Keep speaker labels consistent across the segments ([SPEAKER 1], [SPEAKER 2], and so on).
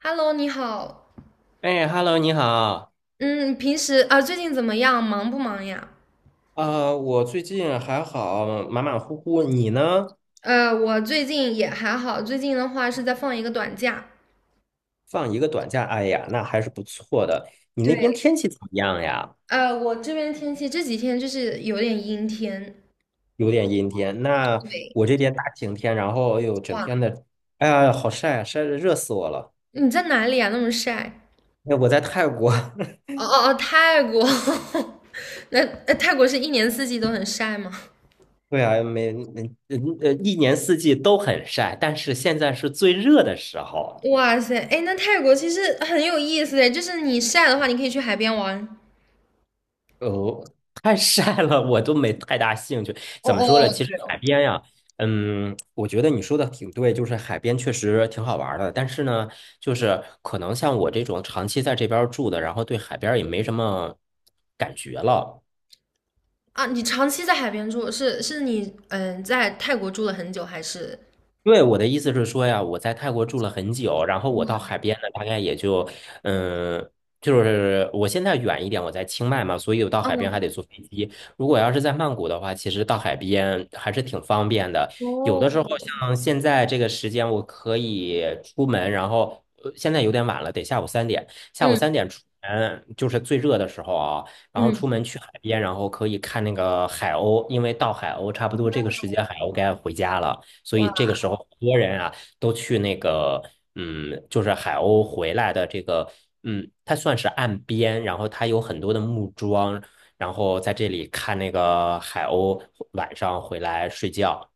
[SPEAKER 1] Hello，你好。
[SPEAKER 2] 哎，Hello，你好。
[SPEAKER 1] 嗯，平时啊，最近怎么样？忙不忙呀？
[SPEAKER 2] 啊！我最近还好，马马虎虎。你呢？
[SPEAKER 1] 我最近也还好，最近的话是在放一个短假。
[SPEAKER 2] 放一个短假，哎呀，那还是不错的。你
[SPEAKER 1] 对，
[SPEAKER 2] 那边天气怎么样呀？
[SPEAKER 1] 我这边天气这几天就是有点阴天。
[SPEAKER 2] 有点阴天。那
[SPEAKER 1] 对，
[SPEAKER 2] 我这边大晴天，然后又整
[SPEAKER 1] 哇，
[SPEAKER 2] 天的，哎呀，好晒啊，晒的热死我了。
[SPEAKER 1] 你在哪里啊？那么晒？
[SPEAKER 2] 哎，我在泰国，
[SPEAKER 1] 哦哦哦，泰国。那泰国是一年四季都很晒吗？
[SPEAKER 2] 对啊，每嗯嗯呃一年四季都很晒，但是现在是最热的时候。
[SPEAKER 1] 哇塞，哎，那泰国其实很有意思哎，就是你晒的话，你可以去海边玩。
[SPEAKER 2] 哦，太晒了，我都没太大兴趣。
[SPEAKER 1] 哦
[SPEAKER 2] 怎么说
[SPEAKER 1] 哦，
[SPEAKER 2] 呢？
[SPEAKER 1] 哦，
[SPEAKER 2] 其实
[SPEAKER 1] 对哦。
[SPEAKER 2] 海边呀，我觉得你说的挺对，就是海边确实挺好玩儿的。但是呢，就是可能像我这种长期在这边儿住的，然后对海边儿也没什么感觉了。
[SPEAKER 1] 啊，你长期在海边住，是你在泰国住了很久，还是？
[SPEAKER 2] 对，我的意思是说呀，我在泰国住了很久，然后我到
[SPEAKER 1] 嗯，
[SPEAKER 2] 海边呢，大概也就，嗯，就是我现在远一点，我在清迈嘛，所以我到海边还得坐飞机。如果要是在曼谷的话，其实到海边还是挺方便的。有
[SPEAKER 1] 哦，
[SPEAKER 2] 的时候像现在这个时间，我可以出门，然后现在有点晚了，得下午三点，下午
[SPEAKER 1] 嗯
[SPEAKER 2] 三点出门就是最热的时候啊，然后出
[SPEAKER 1] 嗯，
[SPEAKER 2] 门去海边，然后可以看那个海鸥，因为到海鸥差不多这个时间，海鸥该回家了。所以这
[SPEAKER 1] 哇
[SPEAKER 2] 个时候，很多人啊都去那个，就是海鸥回来的这个，它算是岸边，然后它有很多的木桩，然后在这里看那个海鸥晚上回来睡觉。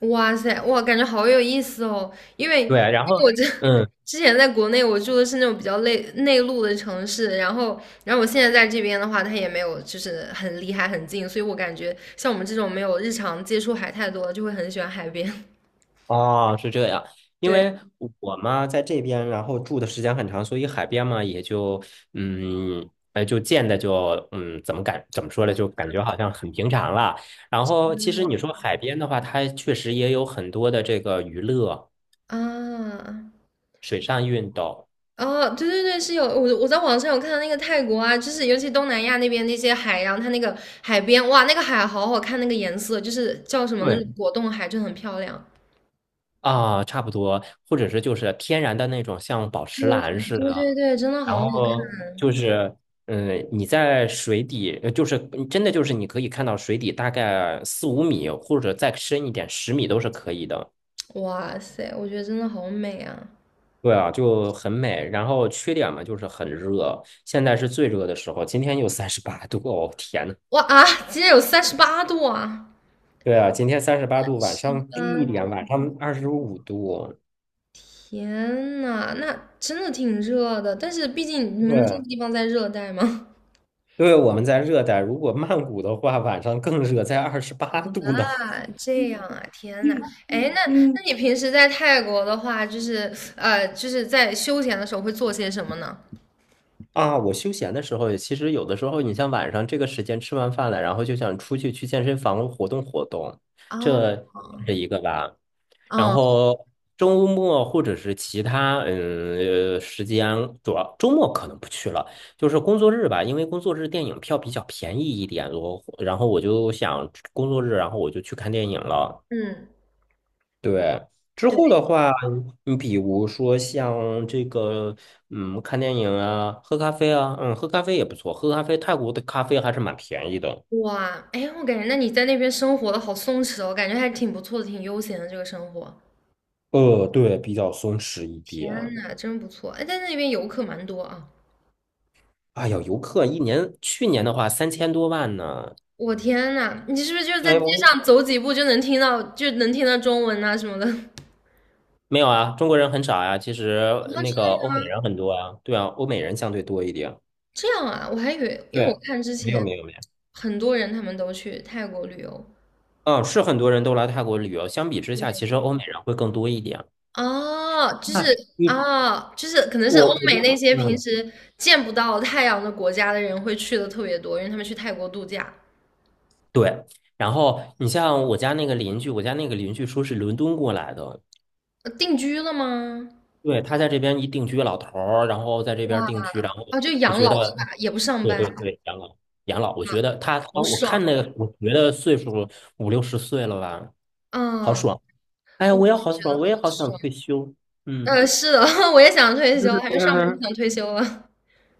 [SPEAKER 1] 哇塞，哇，感觉好有意思哦！因为因
[SPEAKER 2] 对，然
[SPEAKER 1] 为
[SPEAKER 2] 后。
[SPEAKER 1] 我这
[SPEAKER 2] 嗯。
[SPEAKER 1] 之前在国内我住的是那种比较内陆的城市，然后我现在在这边的话，它也没有就是很离海很近，所以我感觉像我们这种没有日常接触海太多的，就会很喜欢海边。
[SPEAKER 2] 哦，是这样，因
[SPEAKER 1] 对
[SPEAKER 2] 为我嘛在这边，然后住的时间很长，所以海边嘛也就嗯，哎就见的就怎么说呢，就感觉好像很平常了。然后其实你说海边的话，它确实也有很多的这个娱乐、
[SPEAKER 1] 啊，
[SPEAKER 2] 水上运动
[SPEAKER 1] 哦，对对对，是有我在网上有看到那个泰国啊，就是尤其东南亚那边那些海洋，它那个海边哇，那个海好好看，那个颜色就是叫什么那
[SPEAKER 2] 对，
[SPEAKER 1] 种果冻海，就很漂亮。
[SPEAKER 2] 啊，差不多，或者是就是天然的那种像宝石蓝似
[SPEAKER 1] 对对
[SPEAKER 2] 的。
[SPEAKER 1] 对，真的好
[SPEAKER 2] 然
[SPEAKER 1] 好
[SPEAKER 2] 后就是，你在水底，就是真的就是你可以看到水底大概四五米，或者再深一点，10米都是可以的。
[SPEAKER 1] 看，哇塞，我觉得真的好美啊！
[SPEAKER 2] 对啊，就很美。然后缺点嘛，就是很热，现在是最热的时候，今天又三十八度，哦天呐，
[SPEAKER 1] 哇啊，今天有38度啊！
[SPEAKER 2] 对啊，今天三十八度，晚上低一
[SPEAKER 1] 嗯，
[SPEAKER 2] 点，晚上25度。
[SPEAKER 1] 天呐，那真的挺热的，但是毕竟你们这个
[SPEAKER 2] 对，
[SPEAKER 1] 地方在热带嘛。
[SPEAKER 2] 对，我们在热带，如果曼谷的话，晚上更热，在28度呢。
[SPEAKER 1] 啊，这样啊，天呐，哎，那
[SPEAKER 2] 嗯。
[SPEAKER 1] 那你平时在泰国的话，就是就是在休闲的时候会做些什么呢？
[SPEAKER 2] 啊，我休闲的时候，其实有的时候，你像晚上这个时间吃完饭了，然后就想出去去健身房活动活动，
[SPEAKER 1] 啊，
[SPEAKER 2] 这是一个吧。然
[SPEAKER 1] 嗯
[SPEAKER 2] 后周末或者是其他时间，主要周末可能不去了，就是工作日吧，因为工作日电影票比较便宜一点，然后我就想工作日，然后我就去看电影了。
[SPEAKER 1] 嗯，
[SPEAKER 2] 对，之后
[SPEAKER 1] 对，
[SPEAKER 2] 的话，你比如说像这个，看电影啊，喝咖啡啊，喝咖啡也不错，喝咖啡，泰国的咖啡还是蛮便宜的。
[SPEAKER 1] 哇，哎，我感觉那你在那边生活的好松弛哦，感觉还挺不错的，挺悠闲的这个生活。
[SPEAKER 2] 对，比较松弛一
[SPEAKER 1] 天
[SPEAKER 2] 点。
[SPEAKER 1] 呐，真不错！哎，在那边游客蛮多啊。
[SPEAKER 2] 哎呀，游客一年，去年的话3000多万呢。
[SPEAKER 1] 我天呐，你是不是就是在
[SPEAKER 2] 哎，
[SPEAKER 1] 街
[SPEAKER 2] 我
[SPEAKER 1] 上走几步就能听到，就能听到中文啊什么的？啊，
[SPEAKER 2] 没有啊，中国人很少呀。其实那
[SPEAKER 1] 真的
[SPEAKER 2] 个欧
[SPEAKER 1] 吗？
[SPEAKER 2] 美人很多啊，对啊，欧美人相对多一点。
[SPEAKER 1] 这样啊，我还以为，因为
[SPEAKER 2] 对，
[SPEAKER 1] 我看之
[SPEAKER 2] 没有
[SPEAKER 1] 前
[SPEAKER 2] 没有没有，
[SPEAKER 1] 很多人他们都去泰国旅游，
[SPEAKER 2] 嗯，是很多人都来泰国旅游，相比之下，其实欧美人会更多一点。
[SPEAKER 1] 哦，就
[SPEAKER 2] 那
[SPEAKER 1] 是
[SPEAKER 2] 你
[SPEAKER 1] 啊，就是可能是欧
[SPEAKER 2] 我
[SPEAKER 1] 美
[SPEAKER 2] 家。
[SPEAKER 1] 那些平
[SPEAKER 2] 嗯。
[SPEAKER 1] 时见不到太阳的国家的人会去的特别多，因为他们去泰国度假，
[SPEAKER 2] 对，然后你像我家那个邻居，我家那个邻居说是伦敦过来的，
[SPEAKER 1] 定居了吗？
[SPEAKER 2] 对，他在这边一定居老头儿，然后在这边定居，然后
[SPEAKER 1] 啊，就
[SPEAKER 2] 我
[SPEAKER 1] 养
[SPEAKER 2] 觉
[SPEAKER 1] 老是吧？
[SPEAKER 2] 得，
[SPEAKER 1] 也不上
[SPEAKER 2] 对
[SPEAKER 1] 班，
[SPEAKER 2] 对
[SPEAKER 1] 好
[SPEAKER 2] 对，养老养老，我觉得他啊，我看
[SPEAKER 1] 爽
[SPEAKER 2] 那个，我觉得岁数五六十岁了吧，
[SPEAKER 1] 啊！
[SPEAKER 2] 好
[SPEAKER 1] 嗯，
[SPEAKER 2] 爽，哎呀，
[SPEAKER 1] 我
[SPEAKER 2] 我也
[SPEAKER 1] 也
[SPEAKER 2] 好
[SPEAKER 1] 觉得
[SPEAKER 2] 爽，
[SPEAKER 1] 好
[SPEAKER 2] 我也好想
[SPEAKER 1] 爽。
[SPEAKER 2] 退休，嗯。
[SPEAKER 1] 是的，我也想退休，还没上班就想 退休了。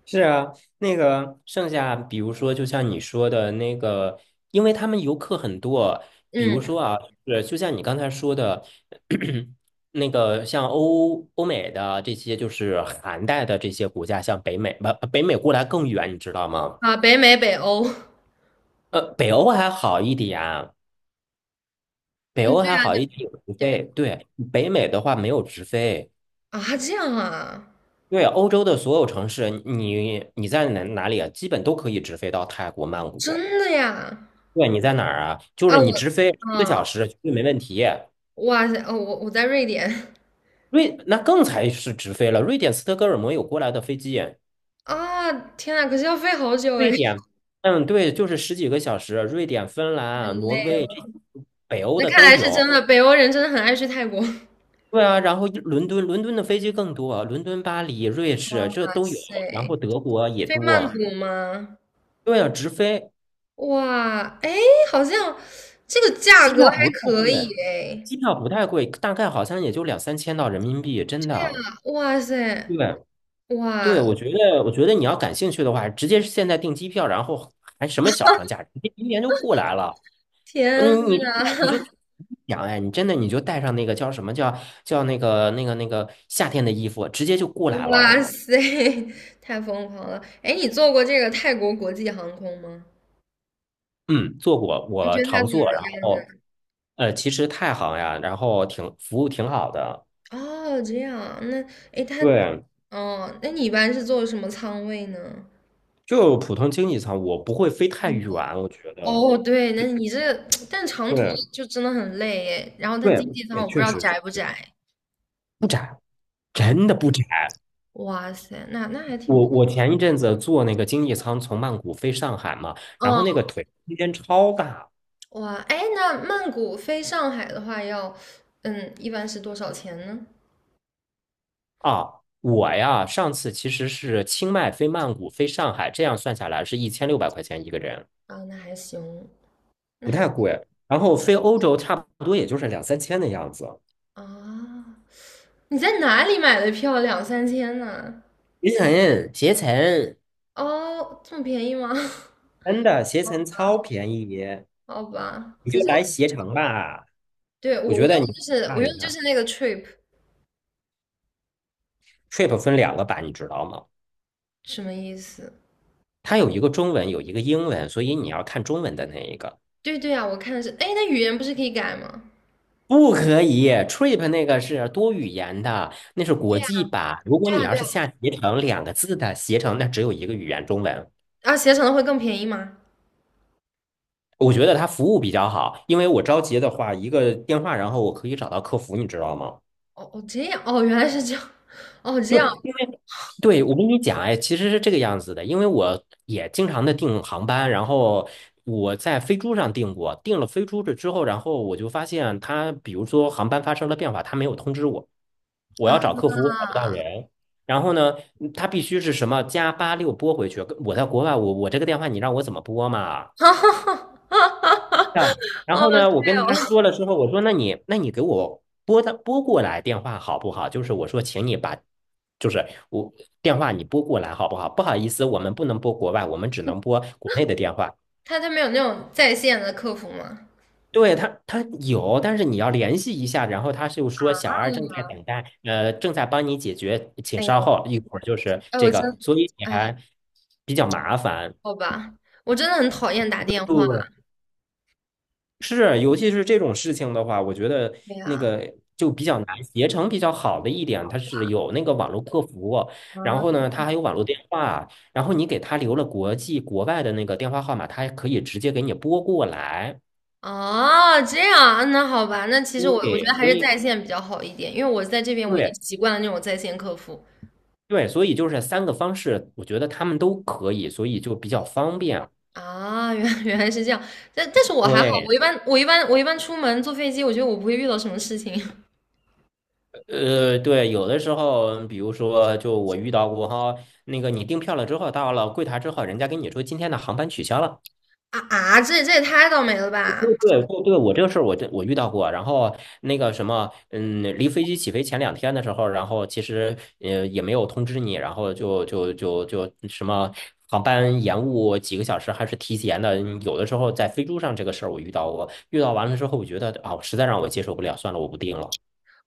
[SPEAKER 2] 是啊，那个剩下，比如说，就像你说的那个，因为他们游客很多，比如
[SPEAKER 1] 嗯，
[SPEAKER 2] 说啊，是就像你刚才说的，那个像欧美的这些，就是寒带的这些国家，像北美，不，北美过来更远，你知道吗？
[SPEAKER 1] 啊，北美、北欧，嗯，
[SPEAKER 2] 北欧还好一点，北
[SPEAKER 1] 对
[SPEAKER 2] 欧还
[SPEAKER 1] 啊，
[SPEAKER 2] 好
[SPEAKER 1] 对
[SPEAKER 2] 一点有直飞，
[SPEAKER 1] 对
[SPEAKER 2] 对，北美的话没有直飞。
[SPEAKER 1] 啊，这样啊。
[SPEAKER 2] 对，欧洲的所有城市，你在哪里啊，基本都可以直飞到泰国曼谷。
[SPEAKER 1] 真的呀？
[SPEAKER 2] 对，你在哪儿啊？就
[SPEAKER 1] 啊，
[SPEAKER 2] 是你直飞
[SPEAKER 1] 我
[SPEAKER 2] 一个
[SPEAKER 1] 啊，
[SPEAKER 2] 小时绝对没问题。
[SPEAKER 1] 哇塞，哦，我在瑞典
[SPEAKER 2] 那更才是直飞了。瑞典斯德哥尔摩有过来的飞机，
[SPEAKER 1] 啊，天呐，可是要飞好久哎，
[SPEAKER 2] 瑞
[SPEAKER 1] 太
[SPEAKER 2] 典，对，就是十几个小时。瑞典、芬兰、挪
[SPEAKER 1] 累
[SPEAKER 2] 威这
[SPEAKER 1] 了。
[SPEAKER 2] 北欧
[SPEAKER 1] 那
[SPEAKER 2] 的
[SPEAKER 1] 看
[SPEAKER 2] 都
[SPEAKER 1] 来是真
[SPEAKER 2] 有。
[SPEAKER 1] 的，北欧人真的很爱去泰国。哇
[SPEAKER 2] 对啊，然后一伦敦，伦敦的飞机更多，伦敦、巴黎、瑞士这都有，
[SPEAKER 1] 塞，
[SPEAKER 2] 然后德国也
[SPEAKER 1] 飞曼
[SPEAKER 2] 多。
[SPEAKER 1] 谷吗？
[SPEAKER 2] 对啊，直飞，
[SPEAKER 1] 哇，哎，好像这个价
[SPEAKER 2] 机
[SPEAKER 1] 格
[SPEAKER 2] 票
[SPEAKER 1] 还
[SPEAKER 2] 不太
[SPEAKER 1] 可以
[SPEAKER 2] 贵，
[SPEAKER 1] 哎。
[SPEAKER 2] 机票不太贵，大概好像也就两三千到人民币，真
[SPEAKER 1] 对
[SPEAKER 2] 的。
[SPEAKER 1] 啊，哇塞，
[SPEAKER 2] 对，对，
[SPEAKER 1] 哇，
[SPEAKER 2] 我觉得你要感兴趣的话，直接现在订机票，然后还什么小长假，直接明年就过来了。
[SPEAKER 1] 天
[SPEAKER 2] 嗯，你就带你
[SPEAKER 1] 呐，
[SPEAKER 2] 就想，哎，你真的你就带上那个叫什么叫那个夏天的衣服，直接就 过来了
[SPEAKER 1] 哇
[SPEAKER 2] 哦。
[SPEAKER 1] 塞，太疯狂了！哎，你坐过这个泰国国际航空吗？
[SPEAKER 2] 嗯，做过，
[SPEAKER 1] 你
[SPEAKER 2] 我
[SPEAKER 1] 觉得它
[SPEAKER 2] 常
[SPEAKER 1] 怎么
[SPEAKER 2] 做，然
[SPEAKER 1] 样
[SPEAKER 2] 后
[SPEAKER 1] 呢？
[SPEAKER 2] 其实太行呀，然后挺服务挺好的。
[SPEAKER 1] 哦，这样，那诶，他，
[SPEAKER 2] 对，
[SPEAKER 1] 哦，那你一般是坐什么仓位呢？
[SPEAKER 2] 就普通经济舱，我不会飞太远，我觉得。
[SPEAKER 1] 哦，对，那你这 但长途
[SPEAKER 2] 对
[SPEAKER 1] 就真的很累诶。然后他
[SPEAKER 2] 对，
[SPEAKER 1] 经济舱
[SPEAKER 2] 也
[SPEAKER 1] 我不知
[SPEAKER 2] 确
[SPEAKER 1] 道
[SPEAKER 2] 实
[SPEAKER 1] 窄不窄
[SPEAKER 2] 不窄，
[SPEAKER 1] 啊？
[SPEAKER 2] 真的不窄。
[SPEAKER 1] 哇塞，那还挺
[SPEAKER 2] 我
[SPEAKER 1] 不错
[SPEAKER 2] 我前一阵子坐那个经济舱从曼谷飞上海嘛，然后那个腿空间超大
[SPEAKER 1] 嗯，哇，诶，那曼谷飞上海的话要，嗯，一般是多少钱呢？
[SPEAKER 2] 啊！我呀，上次其实是清迈飞曼谷飞上海，这样算下来是1600块钱一个人，
[SPEAKER 1] 啊，那还行，那
[SPEAKER 2] 不
[SPEAKER 1] 还
[SPEAKER 2] 太贵。然后飞欧洲差不多也就是两三千的样子。
[SPEAKER 1] 啊，你在哪里买的票？两三千呢？
[SPEAKER 2] 携程，携程，
[SPEAKER 1] 哦，这么便宜吗？
[SPEAKER 2] 真的携程超便宜，
[SPEAKER 1] 好吧，
[SPEAKER 2] 你
[SPEAKER 1] 可
[SPEAKER 2] 就
[SPEAKER 1] 是。
[SPEAKER 2] 来携程吧。
[SPEAKER 1] 对，我
[SPEAKER 2] 我
[SPEAKER 1] 我
[SPEAKER 2] 觉
[SPEAKER 1] 用
[SPEAKER 2] 得你
[SPEAKER 1] 的就是
[SPEAKER 2] 看
[SPEAKER 1] 我用
[SPEAKER 2] 一
[SPEAKER 1] 的就
[SPEAKER 2] 看
[SPEAKER 1] 是那个 trip，
[SPEAKER 2] ，Trip 分两个版，你知道吗？
[SPEAKER 1] 什么意思？
[SPEAKER 2] 它有一个中文，有一个英文，所以你要看中文的那一个。
[SPEAKER 1] 对对啊，我看的是，哎，那语言不是可以改吗？
[SPEAKER 2] 不可以，trip 那个是多语言的，那是国
[SPEAKER 1] 对呀，
[SPEAKER 2] 际版。如果
[SPEAKER 1] 对
[SPEAKER 2] 你
[SPEAKER 1] 呀，
[SPEAKER 2] 要
[SPEAKER 1] 对
[SPEAKER 2] 是
[SPEAKER 1] 呀，
[SPEAKER 2] 下携程两个字的携程，那只有一个语言中文。
[SPEAKER 1] 啊，携程的会更便宜吗？
[SPEAKER 2] 我觉得它服务比较好，因为我着急的话，一个电话，然后我可以找到客服，你知道吗？
[SPEAKER 1] 哦哦，这样，哦，原来是这样，哦，这
[SPEAKER 2] 对，
[SPEAKER 1] 样
[SPEAKER 2] 因为对我跟你讲，哎，其实是这个样子的，因为我也经常的订航班，然后我在飞猪上订过，订了飞猪这之后，然后我就发现它，比如说航班发生了变化，它没有通知我。我
[SPEAKER 1] 啊，
[SPEAKER 2] 要找客服，我找不到人。然后呢，他必须是什么加86拨回去。我在国外，我这个电话你让我怎么拨嘛？
[SPEAKER 1] 哈哈哈哈哈，
[SPEAKER 2] 啊，然
[SPEAKER 1] 哦，
[SPEAKER 2] 后呢，我
[SPEAKER 1] 对
[SPEAKER 2] 跟他
[SPEAKER 1] 哦，
[SPEAKER 2] 说了之后，我说那你给我拨过来电话好不好？就是我说，请你把就是我电话你拨过来好不好？不好意思，我们不能拨国外，我们只能拨国内的电话。
[SPEAKER 1] 他没有那种在线的客服吗？
[SPEAKER 2] 对他，他有，但是你要联系一下，然后他就说小
[SPEAKER 1] 啊，
[SPEAKER 2] 二正在等待，正在帮你解决，请
[SPEAKER 1] 哎
[SPEAKER 2] 稍
[SPEAKER 1] 呦，
[SPEAKER 2] 后，一会儿就是
[SPEAKER 1] 哎，
[SPEAKER 2] 这
[SPEAKER 1] 我真，
[SPEAKER 2] 个，所以你
[SPEAKER 1] 哎，
[SPEAKER 2] 还比较麻烦。
[SPEAKER 1] 好吧，我真的很讨厌打电话，
[SPEAKER 2] 对，是，尤其是这种事情的话，我觉得
[SPEAKER 1] 对
[SPEAKER 2] 那
[SPEAKER 1] 呀，
[SPEAKER 2] 个就比较难。携程比较好的一点，它是有那个网络客服，然后
[SPEAKER 1] 啊，
[SPEAKER 2] 呢，它还有网络电话，然后你给他留了国际国外的那个电话号码，他还可以直接给你拨过来。
[SPEAKER 1] 哦，这样啊，那好吧，那其实我觉得
[SPEAKER 2] 对，
[SPEAKER 1] 还
[SPEAKER 2] 所
[SPEAKER 1] 是
[SPEAKER 2] 以
[SPEAKER 1] 在线比较好一点，因为我在这边我已经
[SPEAKER 2] 对，
[SPEAKER 1] 习惯了那种在线客服
[SPEAKER 2] 对，所以就是三个方式，我觉得他们都可以，所以就比较方便。
[SPEAKER 1] 啊，原来是这样，但是我还好，
[SPEAKER 2] 对，
[SPEAKER 1] 我一般出门坐飞机，我觉得我不会遇到什么事情
[SPEAKER 2] 对，有的时候，比如说，就我遇到过哈，那个你订票了之后，到了柜台之后，人家跟你说今天的航班取消了，
[SPEAKER 1] 啊啊，这也太倒霉了吧，
[SPEAKER 2] 对对对，我这个事儿我遇到过，然后那个什么，离飞机起飞前2天的时候，然后其实也没有通知你，然后就什么航班延误几个小时还是提前的，有的时候在飞猪上这个事儿我遇到过，遇到完了之后我觉得啊，实在让我接受不了，算了，我不订了。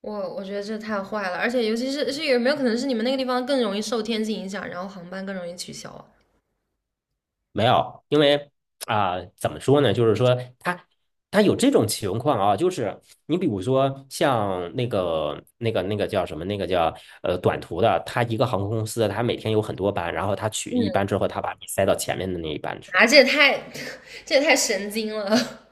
[SPEAKER 1] 我觉得这太坏了，而且尤其是有没有可能是你们那个地方更容易受天气影响，然后航班更容易取消啊？
[SPEAKER 2] 没有，因为啊、怎么说呢？就是说他有这种情况啊，就是你比如说像那个叫什么，那个叫短途的，他一个航空公司，他每天有很多班，然后他取一班之后，他把你塞到前面的那一班去，
[SPEAKER 1] 啊，这也太 这也太神经了，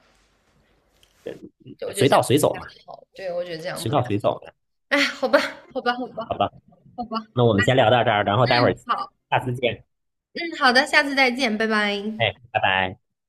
[SPEAKER 1] 就我觉得
[SPEAKER 2] 随
[SPEAKER 1] 这
[SPEAKER 2] 到
[SPEAKER 1] 样
[SPEAKER 2] 随
[SPEAKER 1] 不
[SPEAKER 2] 走
[SPEAKER 1] 太
[SPEAKER 2] 嘛，
[SPEAKER 1] 好，对，我觉得这样
[SPEAKER 2] 随
[SPEAKER 1] 不太，
[SPEAKER 2] 到随走嘛，
[SPEAKER 1] 哎，好吧，好吧，好吧，
[SPEAKER 2] 好吧？
[SPEAKER 1] 好吧。
[SPEAKER 2] 那我们先聊到这儿，然后待会儿
[SPEAKER 1] 好。
[SPEAKER 2] 下次见，
[SPEAKER 1] 嗯，好的，下次再见，拜拜。
[SPEAKER 2] 哎，拜拜。